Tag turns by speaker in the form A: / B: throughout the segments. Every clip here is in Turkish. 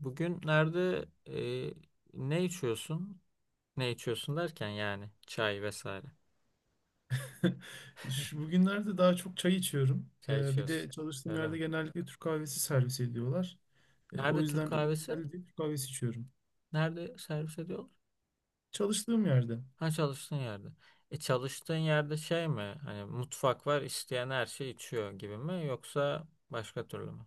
A: Bugün nerede e, ne içiyorsun? Ne içiyorsun derken yani çay vesaire.
B: Şu bugünlerde daha çok çay içiyorum.
A: Çay
B: Bir
A: içiyorsun.
B: de çalıştığım
A: Öyle mi?
B: yerde genellikle Türk kahvesi servis ediyorlar. O
A: Nerede Türk
B: yüzden önüme
A: kahvesi?
B: geldi, Türk kahvesi içiyorum.
A: Nerede servis ediyorlar?
B: Çalıştığım yerde.
A: Ha çalıştığın yerde. E çalıştığın yerde şey mi? Hani mutfak var isteyen her şeyi içiyor gibi mi? Yoksa başka türlü mü?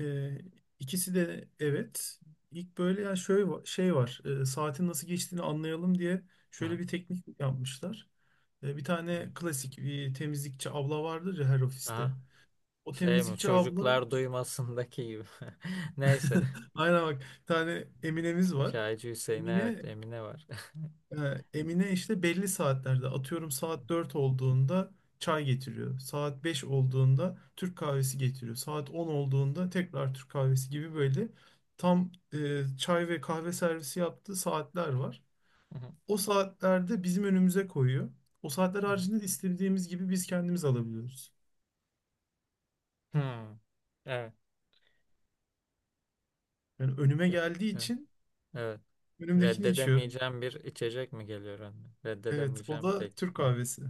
B: Ee, ikisi de, evet. İlk böyle, ya şöyle şey var. Saatin nasıl geçtiğini anlayalım diye
A: Aha.
B: şöyle bir teknik yapmışlar. Bir tane
A: Evet.
B: klasik bir temizlikçi abla vardır ya her ofiste.
A: Aha.
B: O
A: Şey mi?
B: temizlikçi abla
A: Çocuklar duymasındaki gibi. Neyse.
B: aynen bak, bir tane Emine'miz var.
A: Çaycı Hüseyin evet
B: Emine
A: Emine var.
B: Emine işte belli saatlerde, atıyorum saat 4 olduğunda çay getiriyor. Saat 5 olduğunda Türk kahvesi getiriyor. Saat 10 olduğunda tekrar Türk kahvesi gibi, böyle tam çay ve kahve servisi yaptığı saatler var. O saatlerde bizim önümüze koyuyor. O saatler haricinde de istediğimiz gibi biz kendimiz alabiliyoruz.
A: Hmm. Evet.
B: Yani önüme
A: E, e,
B: geldiği için
A: Evet.
B: önümdekini içiyorum.
A: Reddedemeyeceğim bir içecek mi geliyor önüne?
B: Evet, o
A: Reddedemeyeceğim
B: da
A: tek.
B: Türk
A: Evet.
B: kahvesi.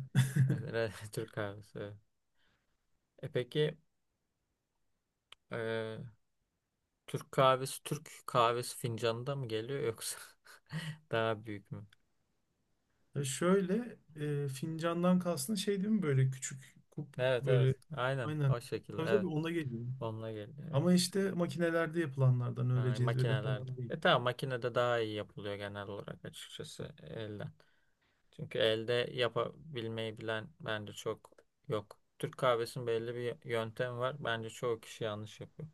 A: Evet, Türk kahvesi. Evet. E peki e, Türk kahvesi fincanında mı geliyor yoksa daha büyük mü?
B: Ya şöyle, fincandan kastın şey değil mi, böyle küçük kup,
A: Evet, evet.
B: böyle,
A: Aynen
B: aynen.
A: o şekilde,
B: Tabii
A: evet.
B: tabii ona geliyor.
A: Onunla geliyor. Evet.
B: Ama işte makinelerde yapılanlardan, öyle
A: Ha,
B: cezvede
A: makinelerde.
B: falan değil.
A: E tamam, makinede daha iyi yapılıyor genel olarak, açıkçası elden. Çünkü elde yapabilmeyi bilen bence çok yok. Türk kahvesinin belli bir yöntemi var. Bence çoğu kişi yanlış yapıyor.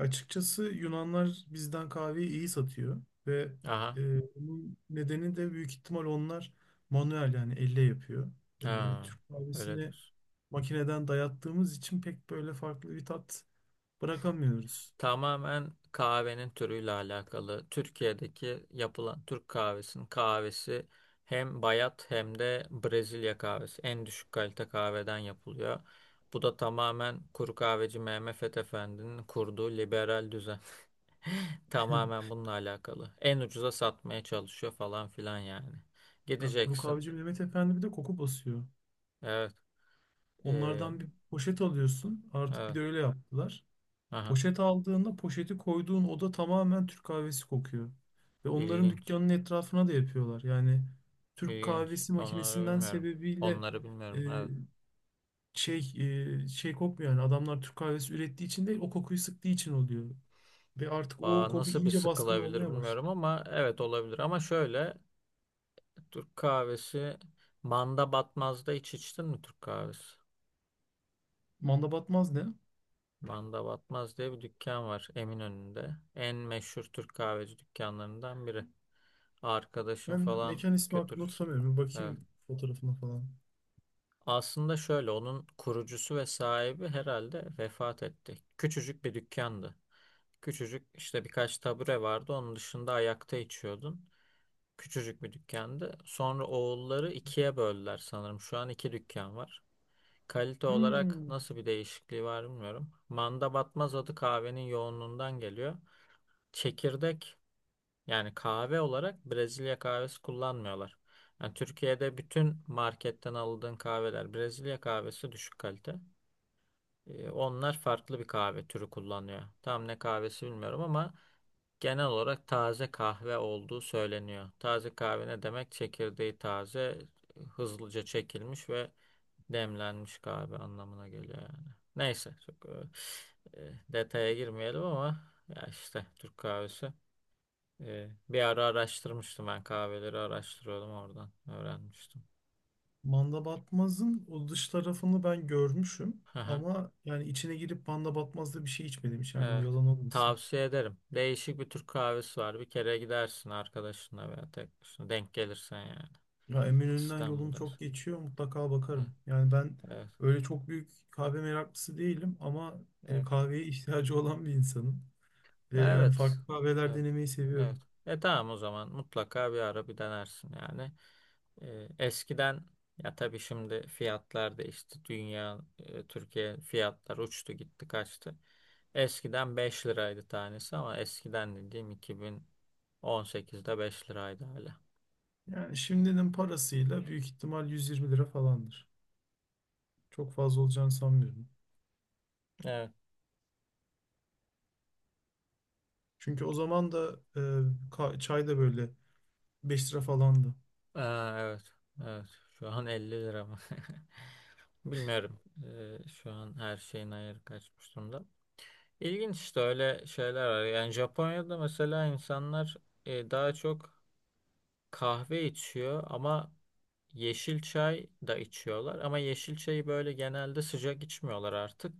B: Açıkçası Yunanlar bizden kahveyi iyi satıyor ve
A: Aha.
B: bunun nedeni de büyük ihtimal onlar manuel, yani elle yapıyor. E,
A: Ha,
B: Türk kahvesini
A: öyledir.
B: makineden dayattığımız için pek böyle farklı bir tat bırakamıyoruz.
A: Tamamen kahvenin türüyle alakalı. Türkiye'deki yapılan Türk kahvesinin kahvesi hem bayat hem de Brezilya kahvesi. En düşük kalite kahveden yapılıyor. Bu da tamamen kuru kahveci Mehmet Fethi Efendi'nin kurduğu liberal düzen. Tamamen bununla alakalı. En ucuza satmaya çalışıyor falan filan yani.
B: Bak, kuru
A: Gideceksin.
B: kahveci Mehmet Efendi bir de koku basıyor.
A: Evet. Ee,
B: Onlardan bir poşet alıyorsun. Artık bir
A: evet.
B: de öyle yaptılar.
A: Aha,
B: Poşet aldığında poşeti koyduğun oda tamamen Türk kahvesi kokuyor. Ve onların
A: ilginç.
B: dükkanının etrafına da yapıyorlar. Yani Türk
A: İlginç.
B: kahvesi
A: Onları
B: makinesinden
A: bilmiyorum.
B: sebebiyle
A: Onları
B: e,
A: bilmiyorum. Evet.
B: şey şey kokmuyor yani. Adamlar Türk kahvesi ürettiği için değil, o kokuyu sıktığı için oluyor. Ve artık o koku
A: Nasıl bir
B: iyice baskın
A: sıkılabilir
B: olmaya başladı.
A: bilmiyorum ama evet olabilir. Ama şöyle, Türk kahvesi Manda Batmaz'da hiç içtin mi Türk kahvesi?
B: Manda batmaz ne?
A: Manda Batmaz diye bir dükkan var Eminönü'nde. En meşhur Türk kahveci dükkanlarından biri. Arkadaşın
B: Ben
A: falan
B: mekan ismi hakkında
A: götürürsün.
B: tutamıyorum. Bir
A: Evet.
B: bakayım fotoğrafına falan.
A: Aslında şöyle, onun kurucusu ve sahibi herhalde vefat etti. Küçücük bir dükkandı. Küçücük, işte birkaç tabure vardı. Onun dışında ayakta içiyordun. Küçücük bir dükkandı. Sonra oğulları ikiye böldüler sanırım. Şu an iki dükkan var. Kalite olarak
B: Hmm.
A: nasıl bir değişikliği var bilmiyorum. Manda batmaz adı kahvenin yoğunluğundan geliyor. Çekirdek, yani kahve olarak Brezilya kahvesi kullanmıyorlar. Yani Türkiye'de bütün marketten aldığın kahveler Brezilya kahvesi, düşük kalite. Onlar farklı bir kahve türü kullanıyor. Tam ne kahvesi bilmiyorum ama genel olarak taze kahve olduğu söyleniyor. Taze kahve ne demek? Çekirdeği taze, hızlıca çekilmiş ve demlenmiş kahve anlamına geliyor yani. Neyse, çok detaya girmeyelim ama ya işte Türk kahvesi. Bir ara araştırmıştım, ben kahveleri araştırıyordum, oradan öğrenmiştim.
B: Manda Batmaz'ın o dış tarafını ben görmüşüm.
A: Aha,
B: Ama yani içine girip Manda Batmaz'da bir şey içmedim hiç. Yani o
A: evet.
B: yalan olmasın.
A: Tavsiye ederim. Değişik bir Türk kahvesi var. Bir kere gidersin arkadaşınla veya tek başına, denk gelirsen yani.
B: Ya Eminönü'nden yolum
A: İstanbul'dayız.
B: çok geçiyor. Mutlaka
A: Evet.
B: bakarım. Yani ben
A: Evet.
B: öyle çok büyük kahve meraklısı değilim. Ama
A: Evet.
B: kahveye ihtiyacı olan bir insanım. Ve
A: Ya,
B: yani
A: evet.
B: farklı kahveler
A: Evet.
B: denemeyi
A: Evet.
B: seviyorum.
A: E tamam, o zaman mutlaka bir ara bir denersin yani. Eskiden, ya tabii şimdi fiyatlar değişti. Türkiye fiyatlar uçtu gitti kaçtı. Eskiden 5 liraydı tanesi, ama eskiden dediğim 2018'de 5 liraydı hala.
B: Yani şimdinin parasıyla büyük ihtimal 120 lira falandır. Çok fazla olacağını sanmıyorum.
A: Evet.
B: Çünkü o zaman da çay da böyle 5 lira falandı.
A: Aa, evet. Evet. Şu an 50 lira mı? Bilmiyorum. Şu an her şeyin ayarı kaçmış durumda. İlginç, işte öyle şeyler var. Yani Japonya'da mesela insanlar daha çok kahve içiyor ama yeşil çay da içiyorlar. Ama yeşil çayı böyle genelde sıcak içmiyorlar artık.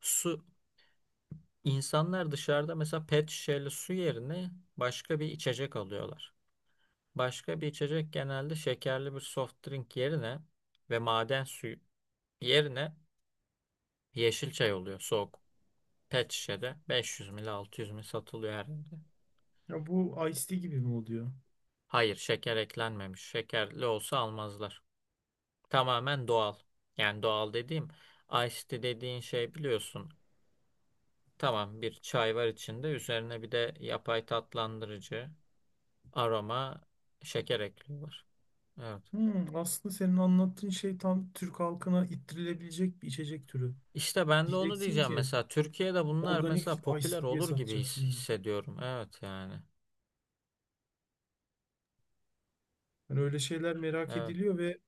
A: Su, insanlar dışarıda mesela pet şişeli su yerine başka bir içecek alıyorlar. Başka bir içecek genelde şekerli bir soft drink yerine ve maden suyu yerine yeşil çay oluyor, soğuk. Pet şişede 500 ml 600 ml satılıyor her yerde.
B: Ya bu Ice-T gibi mi oluyor?
A: Hayır, şeker eklenmemiş. Şekerli olsa almazlar. Tamamen doğal. Yani doğal dediğim, iced tea dediğin şey biliyorsun. Tamam, bir çay var, içinde üzerine bir de yapay tatlandırıcı, aroma, şeker ekliyorlar. Evet.
B: Hmm, aslında senin anlattığın şey tam Türk halkına ittirilebilecek bir içecek türü.
A: İşte ben de onu
B: Diyeceksin
A: diyeceğim,
B: ki
A: mesela Türkiye'de bunlar
B: organik
A: mesela popüler
B: Ice-T diye
A: olur gibi
B: satacaksın bunu.
A: hissediyorum. Evet yani.
B: Hani öyle şeyler merak
A: Evet,
B: ediliyor ve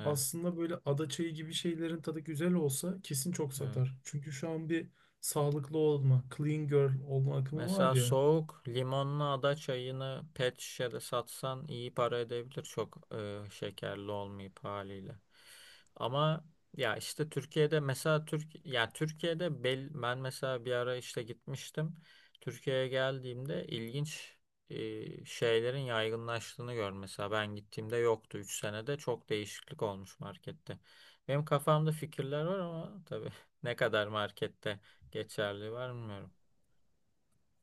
A: evet,
B: aslında böyle ada çayı gibi şeylerin tadı güzel olsa kesin çok
A: evet.
B: satar. Çünkü şu an bir sağlıklı olma, clean girl olma akımı var
A: Mesela
B: ya.
A: soğuk limonlu ada çayını pet şişede satsan iyi para edebilir, çok şekerli olmayıp haliyle. Ama ya işte Türkiye'de mesela Türkiye'de ben mesela bir ara işte gitmiştim. Türkiye'ye geldiğimde ilginç şeylerin yaygınlaştığını gör. Mesela ben gittiğimde yoktu, 3 senede çok değişiklik olmuş markette. Benim kafamda fikirler var ama tabii ne kadar markette geçerli var bilmiyorum.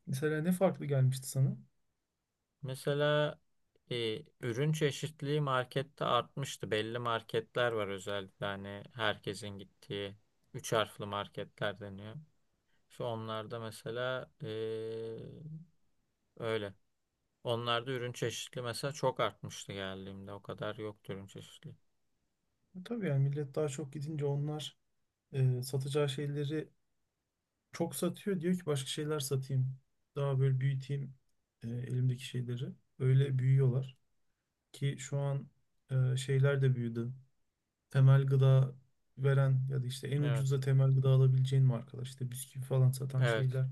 B: Mesela ne farklı gelmişti sana?
A: Mesela ürün çeşitliliği markette artmıştı. Belli marketler var, özellikle hani herkesin gittiği üç harfli marketler deniyor. İşte onlarda mesela öyle. Onlarda ürün çeşitliliği mesela çok artmıştı geldiğimde. O kadar yoktu ürün çeşitliliği.
B: E, tabii yani millet daha çok gidince onlar satacağı şeyleri çok satıyor. Diyor ki başka şeyler satayım. Daha böyle büyüteyim elimdeki şeyleri. Öyle büyüyorlar ki şu an şeyler de büyüdü. Temel gıda veren ya da işte en
A: Evet.
B: ucuza temel gıda alabileceğin markalar, işte bisküvi falan satan
A: Evet.
B: şeyler.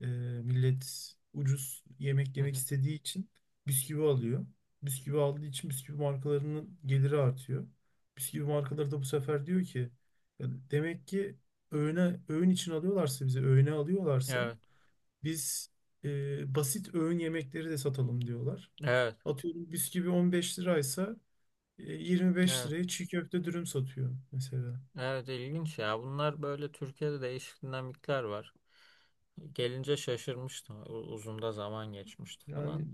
B: E, Millet ucuz yemek
A: Hı
B: yemek
A: hı.
B: istediği için bisküvi alıyor. Bisküvi aldığı için bisküvi markalarının geliri artıyor. Bisküvi markaları da bu sefer diyor ki, "Ya demek ki öğün için alıyorlarsa, bizi öğüne alıyorlarsa
A: Evet.
B: biz basit öğün yemekleri de satalım," diyorlar.
A: Evet.
B: Atıyorum bisküvi 15 liraysa 25
A: Evet.
B: liraya çiğ köfte dürüm satıyor mesela.
A: Evet ilginç ya. Bunlar böyle, Türkiye'de değişik dinamikler var. Gelince şaşırmıştı. Uzun da zaman geçmişti
B: Yani
A: falan.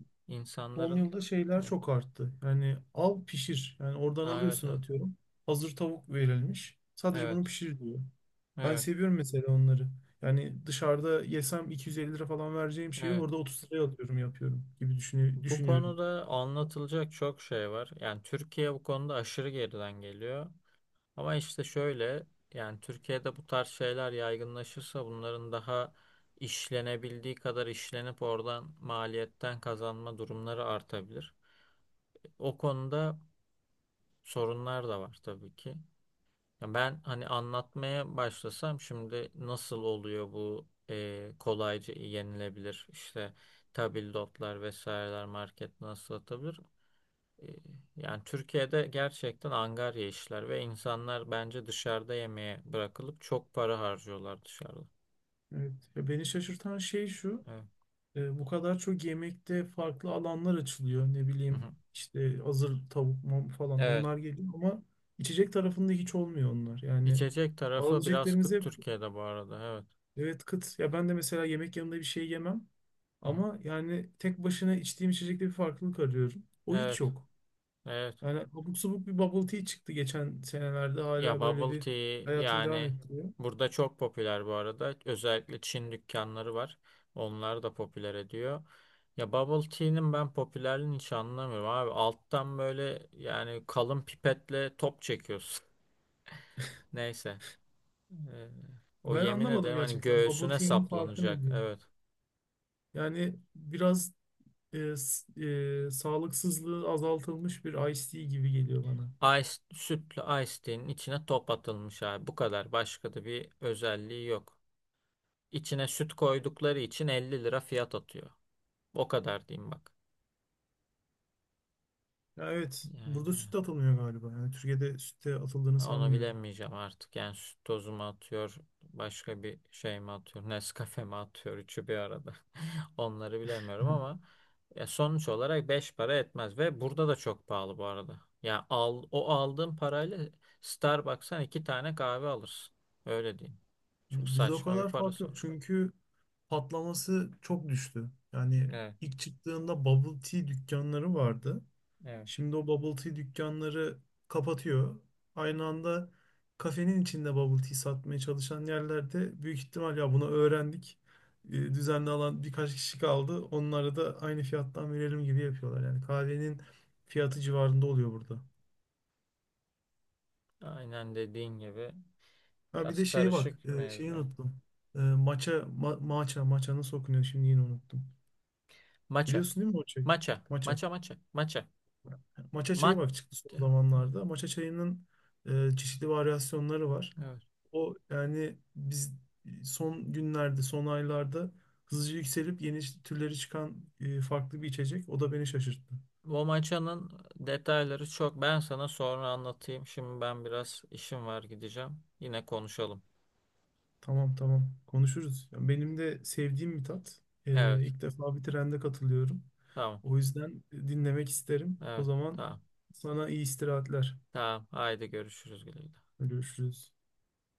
B: son
A: İnsanların.
B: yılda şeyler
A: Evet.
B: çok arttı. Yani al pişir. Yani oradan
A: Aa, evet,
B: alıyorsun,
A: evet.
B: atıyorum. Hazır tavuk verilmiş. Sadece
A: Evet.
B: bunu pişir diyor. Ben
A: Evet.
B: seviyorum mesela onları. Yani dışarıda yesem 250 lira falan vereceğim şeyi
A: Evet.
B: orada 30 liraya alıyorum yapıyorum gibi
A: Bu
B: düşünüyorum.
A: konuda anlatılacak çok şey var. Yani Türkiye bu konuda aşırı geriden geliyor. Ama işte şöyle, yani Türkiye'de bu tarz şeyler yaygınlaşırsa bunların daha işlenebildiği kadar işlenip oradan maliyetten kazanma durumları artabilir. O konuda sorunlar da var tabii ki. Ya ben hani anlatmaya başlasam şimdi nasıl oluyor bu kolayca yenilebilir işte tabldotlar vesaireler market nasıl atabilir? E, yani Türkiye'de gerçekten angarya işler ve insanlar bence dışarıda yemeğe bırakılıp çok para harcıyorlar dışarıda.
B: Evet. Ya beni şaşırtan şey şu.
A: Evet.
B: Bu kadar çok yemekte farklı alanlar açılıyor. Ne
A: Hı
B: bileyim
A: hı.
B: işte hazır tavuk mam falan
A: Evet.
B: onlar geliyor ama içecek tarafında hiç olmuyor onlar. Yani
A: İçecek tarafı biraz
B: alabileceklerimiz
A: kıt
B: hep,
A: Türkiye'de bu arada. Evet.
B: evet, kıt. Ya ben de mesela yemek yanında bir şey yemem
A: Hı hı.
B: ama yani tek başına içtiğim içecekte bir farklılık arıyorum. O hiç
A: Evet.
B: yok.
A: Evet.
B: Yani abuk subuk bir bubble tea çıktı geçen senelerde, hala
A: Ya
B: böyle
A: bubble
B: bir
A: tea
B: hayatını devam
A: yani
B: ettiriyor.
A: burada çok popüler bu arada. Özellikle Çin dükkanları var. Onlar da popüler ediyor. Ya bubble tea'nin ben popülerliğini hiç anlamıyorum abi. Alttan böyle yani kalın pipetle top çekiyorsun. Neyse. Ee, o
B: Ben
A: yemin
B: anlamadım
A: ederim hani
B: gerçekten bubble
A: göğsüne
B: tea'nin farkı ne
A: saplanacak.
B: diye.
A: Evet.
B: Yani biraz e, s- sağlıksızlığı azaltılmış bir iced tea gibi geliyor bana.
A: Sütlü ice tea'nin içine top atılmış abi. Bu kadar. Başka da bir özelliği yok. İçine süt koydukları için 50 lira fiyat atıyor. O kadar diyeyim bak.
B: Ya evet, burada süt
A: Yani
B: de atılmıyor galiba. Yani Türkiye'de sütte atıldığını
A: evet. Onu
B: sanmıyorum.
A: bilemeyeceğim artık. Yani süt tozu mu atıyor, başka bir şey mi atıyor, Nescafe mi atıyor, üçü bir arada. Onları bilemiyorum ama ya sonuç olarak 5 para etmez ve burada da çok pahalı bu arada. Ya al, o aldığın parayla Starbucks'tan iki tane kahve alırsın. Öyle diyeyim. Çok
B: Bizde o
A: saçma bir
B: kadar fark
A: parası
B: yok
A: var.
B: çünkü patlaması çok düştü. Yani
A: Evet,
B: ilk çıktığında bubble tea dükkanları vardı.
A: evet.
B: Şimdi o bubble tea dükkanları kapatıyor. Aynı anda kafenin içinde bubble tea satmaya çalışan yerlerde büyük ihtimal ya bunu öğrendik. Düzenli alan birkaç kişi kaldı. Onlara da aynı fiyattan verelim gibi yapıyorlar. Yani kahvenin fiyatı civarında oluyor burada.
A: Aynen dediğin gibi,
B: Ha bir
A: biraz
B: de şey bak,
A: karışık
B: şeyi
A: mevzu.
B: unuttum. Maça, maça nasıl okunuyor şimdi, yine unuttum.
A: Maça,
B: Biliyorsun değil mi o çayı?
A: maça,
B: Maça.
A: maça, maça, maça,
B: Maça çayı
A: maça.
B: bak çıktı son zamanlarda. Maça çayının çeşitli varyasyonları var.
A: Evet.
B: O yani biz son günlerde, son aylarda hızlıca yükselip yeni türleri çıkan farklı bir içecek. O da beni şaşırttı.
A: Bu maçanın detayları çok. Ben sana sonra anlatayım. Şimdi ben biraz işim var, gideceğim. Yine konuşalım.
B: Tamam tamam, konuşuruz. Yani benim de sevdiğim bir tat. E,
A: Evet.
B: ilk defa bir trende katılıyorum.
A: Tamam.
B: O yüzden dinlemek isterim. O
A: Evet.
B: zaman
A: Tamam.
B: sana iyi istirahatler.
A: Tamam. Haydi görüşürüz, güle güle.
B: Görüşürüz.